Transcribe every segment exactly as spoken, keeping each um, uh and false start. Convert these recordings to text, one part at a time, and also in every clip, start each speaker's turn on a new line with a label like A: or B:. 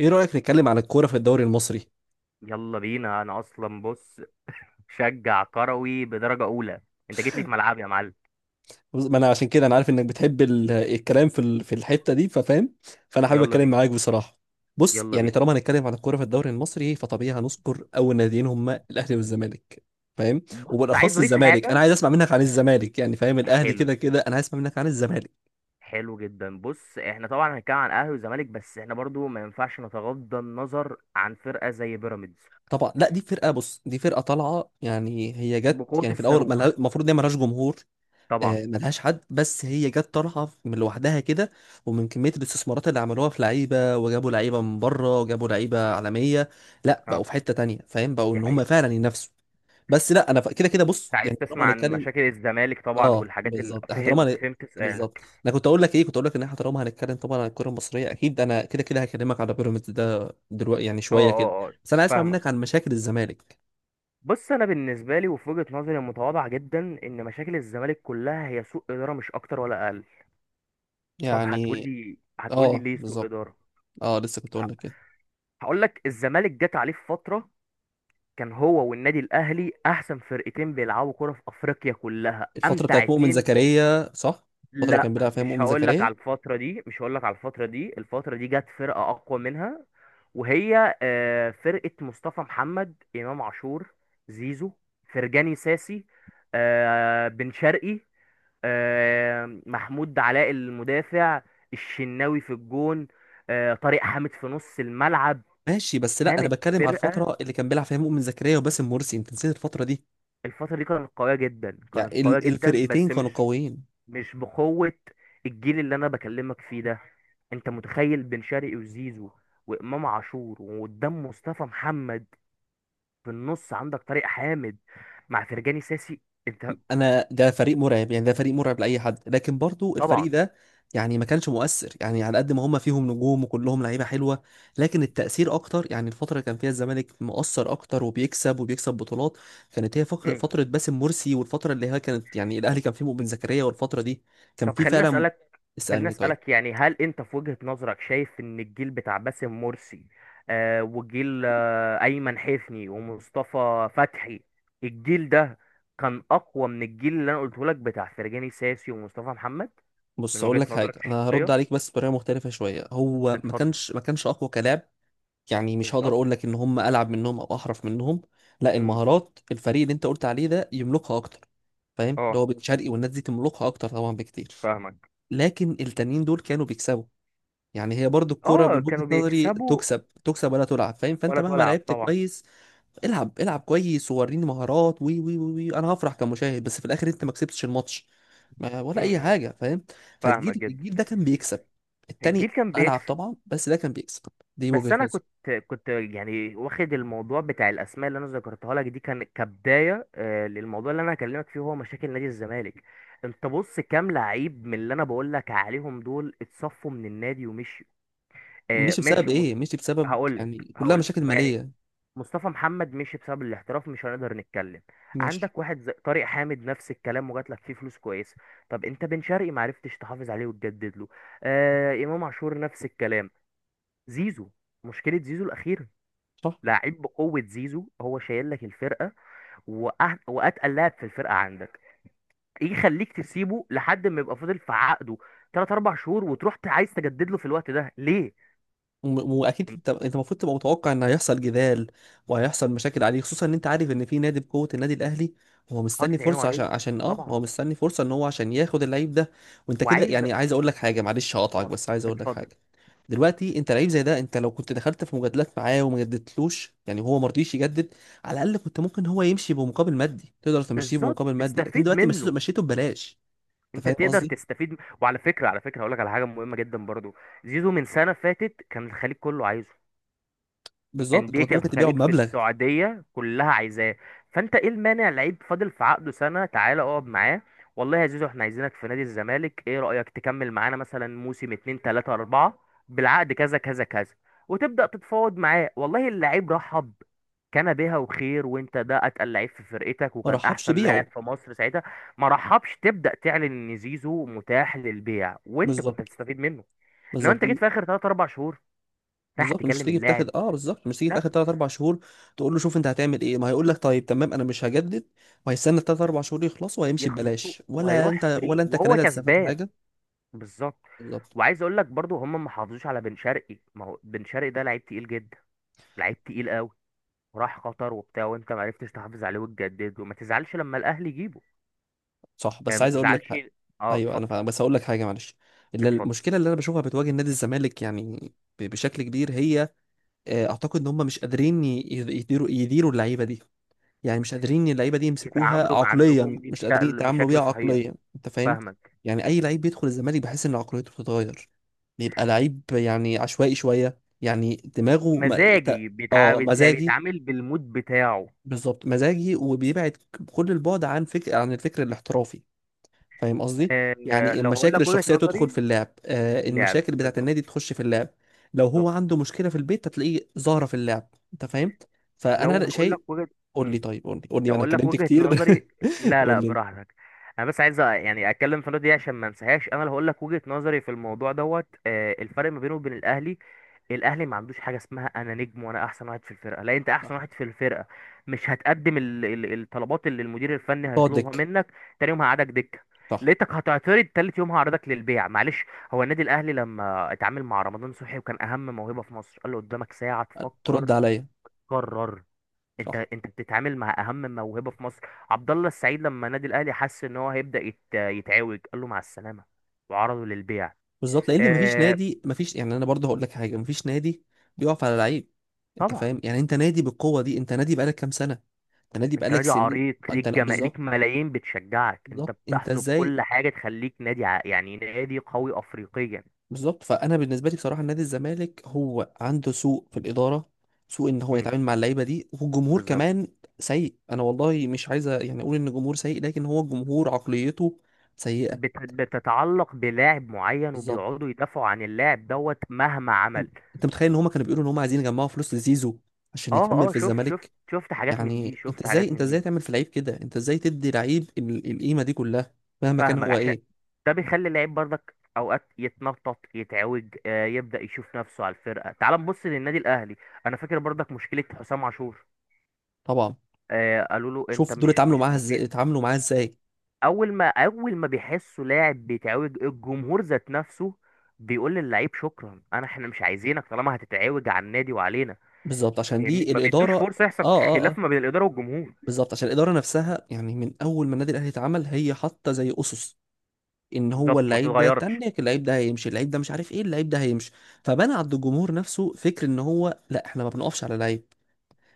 A: ايه رأيك نتكلم عن الكورة في الدوري المصري؟
B: يلا بينا. انا اصلا بص، شجع كروي بدرجة اولى. انت جيت لي في ملعبي يا معلم.
A: بص- ما انا عشان كده انا عارف انك بتحب ال- الكلام في ال- في الحتة دي ففاهم. فانا حابب
B: يلا
A: اتكلم
B: بينا.
A: معاك بصراحة. بص
B: يلا
A: يعني
B: بينا،
A: طالما هنتكلم عن الكورة في الدوري المصري فطبيعي هنذكر اول ناديين هما الاهلي والزمالك. فاهم.
B: بص عايز
A: وبالاخص
B: اضيف
A: الزمالك، انا
B: حاجة.
A: عايز اسمع منك عن الزمالك، يعني فاهم الاهلي
B: حلو،
A: كده كده انا عايز اسمع منك عن الزمالك.
B: حلو جدا. بص احنا طبعا هنتكلم عن اهلي وزمالك، بس احنا برضو ما ينفعش نتغاضى النظر عن فرقة زي بيراميدز.
A: طبعا لا، دي فرقة، بص دي فرقة طالعة، يعني هي جت
B: بقوة
A: يعني في الاول ملها-
B: الصاروخ،
A: المفروض ان هي ملهاش جمهور.
B: طبعا.
A: آه، ملهاش حد، بس هي جت طالعه من لوحدها كده. ومن كميه الاستثمارات اللي عملوها في لعيبه، وجابوا لعيبه من بره، وجابوا لعيبه
B: مم.
A: عالميه. لا،
B: اه،
A: بقوا في حته تانية فاهم، بقوا
B: دي
A: ان هم
B: حقيقة.
A: فعلا ينافسوا. بس لا انا ف- كده كده
B: انت
A: بص
B: عايز
A: يعني طالما
B: تسمع عن
A: هنتكلم.
B: مشاكل الزمالك طبعا
A: اه
B: والحاجات اللي
A: بالظبط احنا طالما
B: فهمت،
A: هن-
B: فهمت سؤالك.
A: بالظبط. انا كنت اقول لك ايه، كنت اقول لك ان احنا طالما هنتكلم طبعا عن الكره المصريه، اكيد انا كده كده هكلمك على بيراميدز ده دلوقتي يعني
B: اه
A: شويه كده.
B: اه اه،
A: بس انا عايز اسمع منك
B: فاهمك.
A: عن مشاكل الزمالك
B: بص انا بالنسبه لي وفي وجهه نظري المتواضعه جدا، ان مشاكل الزمالك كلها هي سوء اداره، مش اكتر ولا اقل. طب
A: يعني.
B: هتقولي هتقولي
A: اه
B: ليه سوء
A: بالظبط.
B: اداره؟
A: اه لسه كنت
B: ه-
A: اقول لك كده.
B: هقولك الزمالك جت عليه في فتره كان هو والنادي الاهلي احسن فرقتين بيلعبوا كره في افريقيا كلها،
A: الفترة
B: امتع
A: بتاعت مؤمن
B: اتنين.
A: زكريا صح؟ الفترة اللي
B: لا،
A: كان بيلعب فيها
B: مش
A: مؤمن
B: هقول لك
A: زكريا.
B: على الفترة دي، مش هقول لك على الفترة دي الفترة دي جت فرقة أقوى منها، وهي آه، فرقة مصطفى محمد، إمام عاشور، زيزو، فرجاني ساسي، آه، بن شرقي، آه، محمود علاء المدافع، الشناوي في الجون، آه، طارق حامد في نص الملعب.
A: ماشي بس لا انا
B: كانت
A: بتكلم على
B: فرقة،
A: الفترة اللي كان بيلعب فيها مؤمن زكريا وباسم مرسي، انت نسيت الفترة دي.
B: الفترة دي كانت قوية جدا، كانت
A: يعني
B: قوية
A: ال-
B: جدا
A: الفرقتين
B: بس
A: كانوا
B: مش
A: قويين.
B: مش بقوة الجيل اللي انا بكلمك فيه ده. انت متخيل بن شرقي وزيزو وامام عاشور وقدام مصطفى محمد، في النص عندك طارق حامد مع فرجاني ساسي؟ انت
A: انا ده فريق مرعب، يعني ده فريق مرعب لاي حد، لكن برضو
B: طبعا.
A: الفريق ده يعني ما كانش مؤثر، يعني على قد ما هم فيهم نجوم وكلهم لعيبه حلوه، لكن التاثير اكتر. يعني الفتره اللي كان فيها الزمالك مؤثر اكتر وبيكسب وبيكسب بطولات، كانت هي فقر-
B: مم.
A: فتره باسم مرسي، والفتره اللي هي كانت يعني الاهلي كان فيه مؤمن زكريا، والفتره دي كان
B: طب
A: فيه
B: خليني
A: فعلا.
B: اسالك، خليني
A: اسالني طيب.
B: اسالك يعني، هل انت في وجهة نظرك شايف ان الجيل بتاع باسم مرسي، آه، وجيل آه ايمن حفني ومصطفى فتحي، الجيل ده كان اقوى من الجيل اللي انا قلته لك بتاع فرجاني ساسي ومصطفى محمد؟ من
A: بص اقول
B: وجهة
A: لك
B: نظرك
A: حاجه، انا هرد
B: الشخصية.
A: عليك بس بطريقه مختلفه شويه. هو ما
B: بتفضل.
A: كانش ما كانش اقوى كلاعب، يعني مش هقدر
B: بالظبط.
A: اقول لك ان هم العب منهم او احرف منهم، لا.
B: امم.
A: المهارات، الفريق اللي انت قلت عليه ده يملكها اكتر، فاهم؟ اللي
B: اه،
A: هو بن شرقي والناس دي تملكها اكتر طبعا بكتير،
B: فاهمك.
A: لكن التانيين دول كانوا بيكسبوا. يعني هي برضو الكرة من
B: اه
A: وجهة
B: كانوا
A: نظري
B: بيكسبوا.
A: تكسب تكسب ولا تلعب، فاهم؟ فانت
B: ولا
A: مهما
B: تلعب،
A: لعبت
B: طبعا.
A: كويس، العب العب كويس ووريني مهارات وي وي وي وي، انا هفرح كمشاهد، بس في الاخر انت ما كسبتش الماتش ما- ولا اي
B: امم.
A: حاجة، فاهم؟
B: فاهمك
A: فالجيل
B: جدا.
A: الجيل ده كان بيكسب
B: الجيل
A: التاني،
B: كان
A: العب
B: بيكسب.
A: طبعا بس ده كان بيكسب. دي
B: بس
A: وجهة
B: انا
A: نظري.
B: كنت، كنت يعني واخد الموضوع بتاع الاسماء اللي انا ذكرتها لك دي كان كبدايه، آه، للموضوع اللي انا هكلمك فيه، هو مشاكل نادي الزمالك. انت بص كام لعيب من اللي انا بقول لك عليهم دول اتصفوا من النادي ومشيوا؟ آه
A: مشي بسبب
B: ماشي، مص...
A: ايه؟ مشي بسبب،
B: هقول لك
A: يعني كلها
B: هقول لك
A: مشاكل
B: يعني،
A: ماليه.
B: مصطفى محمد مشي بسبب الاحتراف، مش هنقدر نتكلم.
A: ماشي.
B: عندك واحد زي طارق حامد، نفس الكلام، وجات لك فيه فلوس كويسه. طب انت بن شرقي ما عرفتش تحافظ عليه وتجدد له. آه، امام عاشور نفس الكلام. زيزو، مشكله زيزو الاخيره،
A: صح.
B: لعيب بقوه زيزو، هو شايل لك الفرقه، وأه... واتقل لاعب في الفرقه عندك. ايه يخليك تسيبه لحد ما يبقى فاضل في عقده تلاتة اربعة شهور، وتروح ت- عايز تجدد له في الوقت ده؟ ليه؟
A: وم- واكيد
B: انت
A: انت انت المفروض تبقى متوقع ان هيحصل جدال وهيحصل مشاكل عليه، خصوصا ان انت عارف ان في نادي بقوه النادي الاهلي هو
B: حاطط
A: مستني
B: عينه
A: فرصه، عشان
B: عليه،
A: عشان اه
B: طبعا.
A: هو مستني فرصه ان هو عشان ياخد اللعيب ده. وانت كده
B: وعايز،
A: يعني، عايز اقول لك حاجه معلش هقطعك،
B: اه،
A: بس عايز اقول لك
B: اتفضل.
A: حاجه. دلوقتي انت لعيب زي ده، انت لو كنت دخلت في مجادلات معاه وما جددتلوش، يعني هو ما رضيش يجدد، على الاقل كنت ممكن هو يمشي بمقابل مادي، تقدر تمشيه
B: بالظبط،
A: بمقابل مادي، لكن
B: تستفيد
A: دلوقتي مشيته
B: منه.
A: مشيته ببلاش. انت
B: انت
A: فاهم
B: تقدر
A: قصدي.
B: تستفيد م- وعلى فكره، على فكره هقول لك على حاجه مهمه جدا برضو. زيزو من سنه فاتت كان الخليج كله عايزه.
A: بالظبط، انت
B: أندية
A: كنت ممكن تبيعه
B: الخليج في
A: بمبلغ.
B: السعودية كلها عايزاه. فأنت إيه المانع؟ لعيب فاضل في عقده سنة، تعالى اقعد معاه. والله يا زيزو احنا عايزينك في نادي الزمالك، إيه رأيك تكمل معانا مثلا موسم اتنين تلاتة أربعة، بالعقد كذا كذا كذا. وتبدأ تتفاوض معاه، والله اللعيب رحب، كان بها وخير. وانت ده اتقل لعيب في فرقتك،
A: ما
B: وكان
A: رحبش
B: احسن لاعب
A: بيعه.
B: في مصر ساعتها. ما رحبش. تبدا تعلن ان زيزو متاح للبيع وانت كنت
A: بالظبط.
B: هتستفيد منه. انما
A: بالظبط.
B: انت جيت في اخر ثلاثة اربعة شهور، راح
A: بالظبط مش
B: تكلم
A: تيجي في
B: اللاعب.
A: تاخد اه بالظبط مش تيجي في
B: لا،
A: اخر تلاتة اربعة شهور، تقول له شوف انت هتعمل ايه، ما هيقول لك طيب تمام انا مش هجدد وهيستنى ثلاثة أربعة شهور يخلصوا وهيمشي
B: يخلصوا
A: ببلاش، ولا
B: وهيروح
A: انت ولا
B: فري
A: انت
B: وهو
A: كنادي هتستفاد
B: كسبان.
A: حاجه.
B: بالظبط.
A: بالظبط.
B: وعايز اقول لك برضو، هم ما حافظوش على بن شرقي. ما هو بن شرقي ده لعيب تقيل جدا، لعيب تقيل قوي. راح قطر وبتاع، وانت ما عرفتش تحافظ عليه وتجدد. وما تزعلش لما الاهلي يجيبه،
A: صح،
B: يعني
A: بس
B: ما
A: عايز اقول لك
B: تزعلش.
A: حاجة.
B: اه
A: ايوه انا
B: اتفضل.
A: فاهم، بس هقول لك حاجه معلش. اللي-
B: اتفضل.
A: المشكله اللي انا بشوفها بتواجه نادي الزمالك يعني ب- بشكل كبير هي، آه، اعتقد ان هم مش قادرين ي- يديروا يديروا اللعيبه دي. يعني مش قادرين اللعيبه دي يمسكوها
B: يتعاملوا مع
A: عقليا،
B: النجوم دي
A: مش قادرين
B: بشكل،
A: يتعاملوا بيها
B: بشكل صحيح.
A: عقليا، انت فاهم؟
B: فاهمك.
A: يعني اي لعيب بيدخل الزمالك بحس ان عقليته بتتغير، بيبقى لعيب يعني عشوائي شويه، يعني دماغه ما... ت...
B: مزاجي، بيتع...
A: اه
B: بيتع-
A: مزاجي.
B: بيتعامل بالمود بتاعه.
A: بالظبط، مزاجي وبيبعد كل البعد عن فكر عن الفكر الاحترافي، فاهم قصدي؟
B: آه،
A: يعني
B: لو هقول
A: المشاكل
B: لك وجهة
A: الشخصيه تدخل في
B: نظري.
A: اللعب،
B: في
A: آه
B: اللعب،
A: المشاكل بتاعت
B: بالظبط.
A: النادي تخش في اللعب. لو
B: بالظبط،
A: هو عنده مشكله في البيت هتلاقيه ظاهره في اللعب، انت فاهم.
B: لو
A: فانا
B: هقول
A: شايف،
B: لك وجهة.
A: قول لي
B: مم.
A: طيب، قول لي قول لي
B: لو
A: انا
B: هقول لك
A: اتكلمت
B: وجهة
A: كتير.
B: نظري. لا لا،
A: قول لي انت.
B: براحتك. انا بس عايز أ- يعني اتكلم في النقطه دي عشان ما انساهاش. انا اللي هقول لك وجهة نظري في الموضوع دوت، آه، الفرق ما بينه وبين الاهلي. الاهلي ما عندوش حاجه اسمها انا نجم وانا احسن واحد في الفرقه. لا، انت احسن
A: صح.
B: واحد في الفرقه، مش هتقدم ال- ال- الطلبات اللي المدير الفني
A: تقعد
B: هيطلبها
A: دك.
B: منك. تاني يوم هقعدك دكه.
A: صح.
B: لقيتك هتعترض، تالت يوم هعرضك للبيع، معلش. هو النادي الاهلي لما اتعامل مع رمضان صبحي وكان اهم موهبه في مصر، قال له قدامك ساعه تفكر،
A: ترد عليا.
B: قرر. انت،
A: صح.
B: انت بتتعامل مع اهم موهبه في مصر. عبد الله السعيد لما نادي الاهلي حس ان هو هيبدا يت... يتعوج، قال له مع السلامه وعرضه للبيع.
A: بالظبط، لان مفيش
B: اه،
A: نادي، مفيش يعني انا برضه هقول لك حاجه، مفيش نادي بيقف على لعيب. انت
B: طبعا.
A: فاهم، يعني انت نادي بالقوه دي، انت نادي بقالك كام سنه، انت نادي
B: انت
A: بقالك
B: نادي
A: سنين،
B: عريق، ليك
A: انت لا
B: جما... ليك
A: بالظبط.
B: ملايين بتشجعك، انت
A: بالظبط انت
B: بتحظى
A: ازاي.
B: بكل حاجه تخليك نادي ع... يعني نادي قوي افريقيا.
A: بالظبط، فانا بالنسبه لي بصراحه نادي الزمالك هو عنده سوء في الاداره، سوء ان هو
B: امم،
A: يتعامل مع اللعيبه دي، والجمهور
B: بالظبط.
A: كمان سيء. انا والله مش عايزه يعني اقول ان الجمهور سيء، لكن هو الجمهور عقليته
B: بت...
A: سيئة.
B: بتتعلق بلاعب معين
A: بالظبط.
B: وبيقعدوا يدافعوا عن اللاعب دوت مهما
A: هم-
B: عمل.
A: انت متخيل ان هما كانوا بيقولوا ان هما عايزين يجمعوا فلوس لزيزو عشان
B: اه
A: يكمل
B: اه،
A: في
B: شفت شفت
A: الزمالك؟
B: شفت حاجات من دي،
A: يعني انت
B: شفت
A: ازاي
B: حاجات
A: انت
B: من دي.
A: ازاي تعمل في لعيب كده، انت ازاي تدي لعيب ال- القيمه دي كلها، مهما كان
B: فاهمك،
A: هو
B: عشان
A: ايه؟
B: ده بيخلي اللعيب برضك اوقات يتنطط، يتعوج، آه، يبدأ يشوف نفسه على الفرقة. تعال نبص للنادي الاهلي. انا فاكر برضك مشكلة حسام عاشور،
A: طبعا.
B: آه، قالوا له انت
A: شوف دول
B: مش
A: اتعاملوا
B: مش
A: معاها ازاي،
B: مفيد.
A: اتعاملوا معاها ازاي.
B: اول ما اول ما بيحسوا لاعب بيتعوج، الجمهور ذات نفسه بيقول للعيب شكرا، انا احنا مش عايزينك طالما هتتعوج على النادي وعلينا.
A: بالظبط عشان
B: فاهمني،
A: دي
B: ما بيدوش
A: الاداره
B: فرصة يحصل
A: اه. اه اه.
B: خلاف ما بين الإدارة والجمهور.
A: بالظبط، عشان الاداره نفسها يعني من اول ما النادي الاهلي اتعمل هي حاطه زي اسس ان هو
B: بالظبط، ما
A: اللعيب ده
B: بتتغيرش.
A: تنك، اللعيب ده هيمشي، اللعيب ده مش عارف ايه، اللعيب ده هيمشي. فبنى عند الجمهور نفسه فكر ان هو لا، احنا ما بنقفش على لعيب.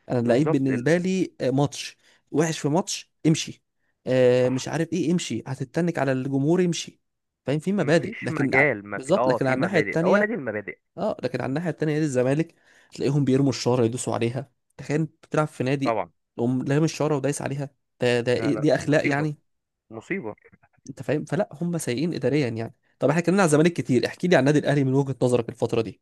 A: انا اللعيب
B: بالظبط. ال-
A: بالنسبه لي آه، ماتش وحش في ماتش امشي، آه، مش
B: صح.
A: عارف ايه امشي، هتتنك على الجمهور امشي. فاهم، في مبادئ،
B: مفيش
A: لكن ع-
B: مجال، ما في
A: بالظبط.
B: اه،
A: لكن على
B: في
A: الناحيه
B: مبادئ، هو
A: التانيه،
B: نادي المبادئ.
A: اه لكن على الناحيه التانيه نادي الزمالك، تلاقيهم بيرموا الشاره يدوسوا عليها. تخيل انت بتلعب في نادي
B: طبعا.
A: تقوم لام الشاره ودايس عليها. ده ده
B: لا
A: إيه،
B: لا،
A: دي اخلاق
B: مصيبة،
A: يعني؟
B: مصيبة.
A: انت فاهم، فلا هم سيئين اداريا يعني. طب احنا اتكلمنا على الزمالك كتير، احكي لي عن النادي الاهلي من وجهه نظرك الفتره دي،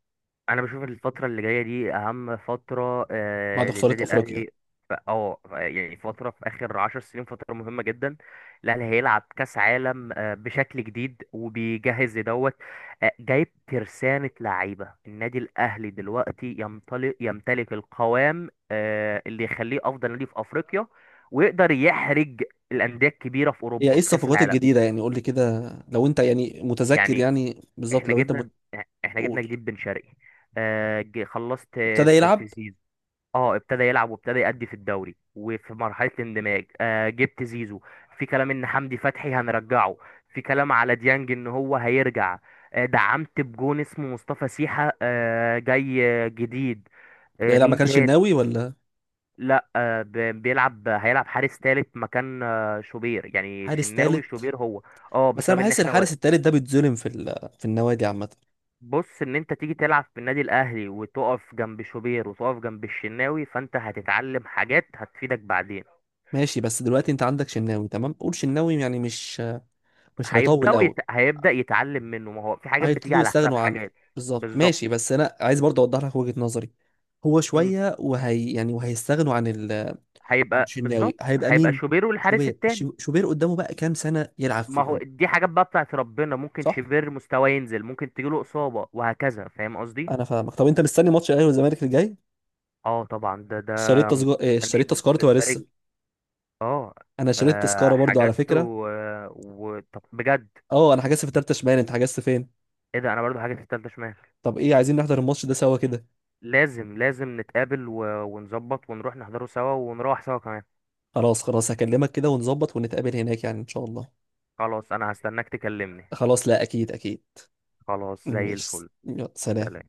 B: أنا بشوف الفترة اللي جاية دي أهم فترة، آه،
A: بعد خساره
B: للنادي
A: افريقيا.
B: الأهلي. ف- اه ف- يعني فترة، في آخر عشر سنين فترة مهمة جدا. الأهلي هيلعب كأس عالم آه بشكل جديد، وبيجهز لدوت. آه جايب ترسانة لعيبة. النادي الأهلي دلوقتي يمتلك، يمتلك القوام آه اللي يخليه أفضل نادي في أفريقيا، ويقدر يحرج الأندية الكبيرة في
A: هي
B: أوروبا
A: ايه
B: في كأس
A: الصفقات
B: العالم.
A: الجديدة؟ يعني قول لي كده، لو انت يعني متذكر
B: يعني،
A: يعني بالظبط،
B: احنا
A: لو انت
B: جبنا
A: مت-
B: احنا جبنا
A: قول.
B: جديد بن شرقي. آه ج- خلصت.
A: ابتدى
B: في
A: يلعب.
B: في زيزو. اه ابتدى يلعب وابتدى يأدي في الدوري وفي مرحلة الاندماج. آه جبت زيزو. في كلام ان حمدي فتحي هنرجعه. في كلام على ديانج ان هو هيرجع. آه دعمت بجون اسمه مصطفى سيحة، آه جاي، آه، جديد.
A: ده
B: آه،
A: يلعب ما
B: مين
A: كانش
B: تاني؟
A: الناوي ولا؟
B: لا، آه، ب- بيلعب. هيلعب حارس تالت مكان، آه، شوبير، يعني
A: حارس
B: شناوي
A: تالت.
B: شوبير هو. اه،
A: بس
B: بسبب
A: انا
B: ان
A: بحس
B: احنا،
A: الحارس التالت ده بيتظلم في ال- في النوادي عامة.
B: بص، ان انت تيجي تلعب في النادي الاهلي وتقف جنب شوبير وتقف جنب الشناوي، فانت هتتعلم حاجات هتفيدك بعدين.
A: ماشي، بس دلوقتي انت عندك شناوي تمام قول، شناوي يعني مش مش هيطول
B: هيبداوا يت...
A: قوي،
B: هيبدا يتعلم منه، ما هو في حاجات بتيجي
A: هيبتدوا
B: على حساب
A: يستغنوا عنه.
B: حاجات.
A: بالظبط،
B: بالظبط.
A: ماشي بس انا عايز برضه اوضح لك وجهة نظري. هو
B: مم.
A: شوية وهي يعني وهيستغنوا عن ال عن
B: هيبقى،
A: شناوي،
B: بالظبط،
A: هيبقى
B: هيبقى
A: مين؟
B: شوبير والحارس
A: شوبير.
B: التاني.
A: شو- شوبير قدامه بقى كام سنة يلعب
B: ما هو
A: فيهم؟
B: دي حاجات بقى بتاعت ربنا، ممكن
A: صح.
B: شوبير مستواه ينزل، ممكن تجيله اصابه، وهكذا. فاهم قصدي؟
A: انا فاهمك، طب انت مستني ماتش الاهلي والزمالك الجاي؟
B: اه طبعا. ده ده
A: اشتريت تذكره؟
B: مستنيه
A: اشتريت تذكرتي ولا لسه؟
B: بالفريق. اه.
A: انا اشتريت
B: آه،
A: تذكره برضو على
B: حجزته
A: فكره.
B: و... و... طب بجد؟
A: اه انا حجزت في تالتة شمال، انت حجزت فين؟
B: ايه ده، انا برضو حاجة في التالتة شمال.
A: طب ايه، عايزين نحضر الماتش ده سوا كده؟
B: لازم لازم نتقابل و... ونظبط ونروح نحضره سوا، ونروح سوا كمان.
A: خلاص خلاص هكلمك كده ونظبط ونتقابل هناك يعني ان شاء الله.
B: خلاص، انا هستناك تكلمني.
A: خلاص، لا اكيد اكيد.
B: خلاص زي
A: ماشي،
B: الفل.
A: يلا سلام.
B: سلام.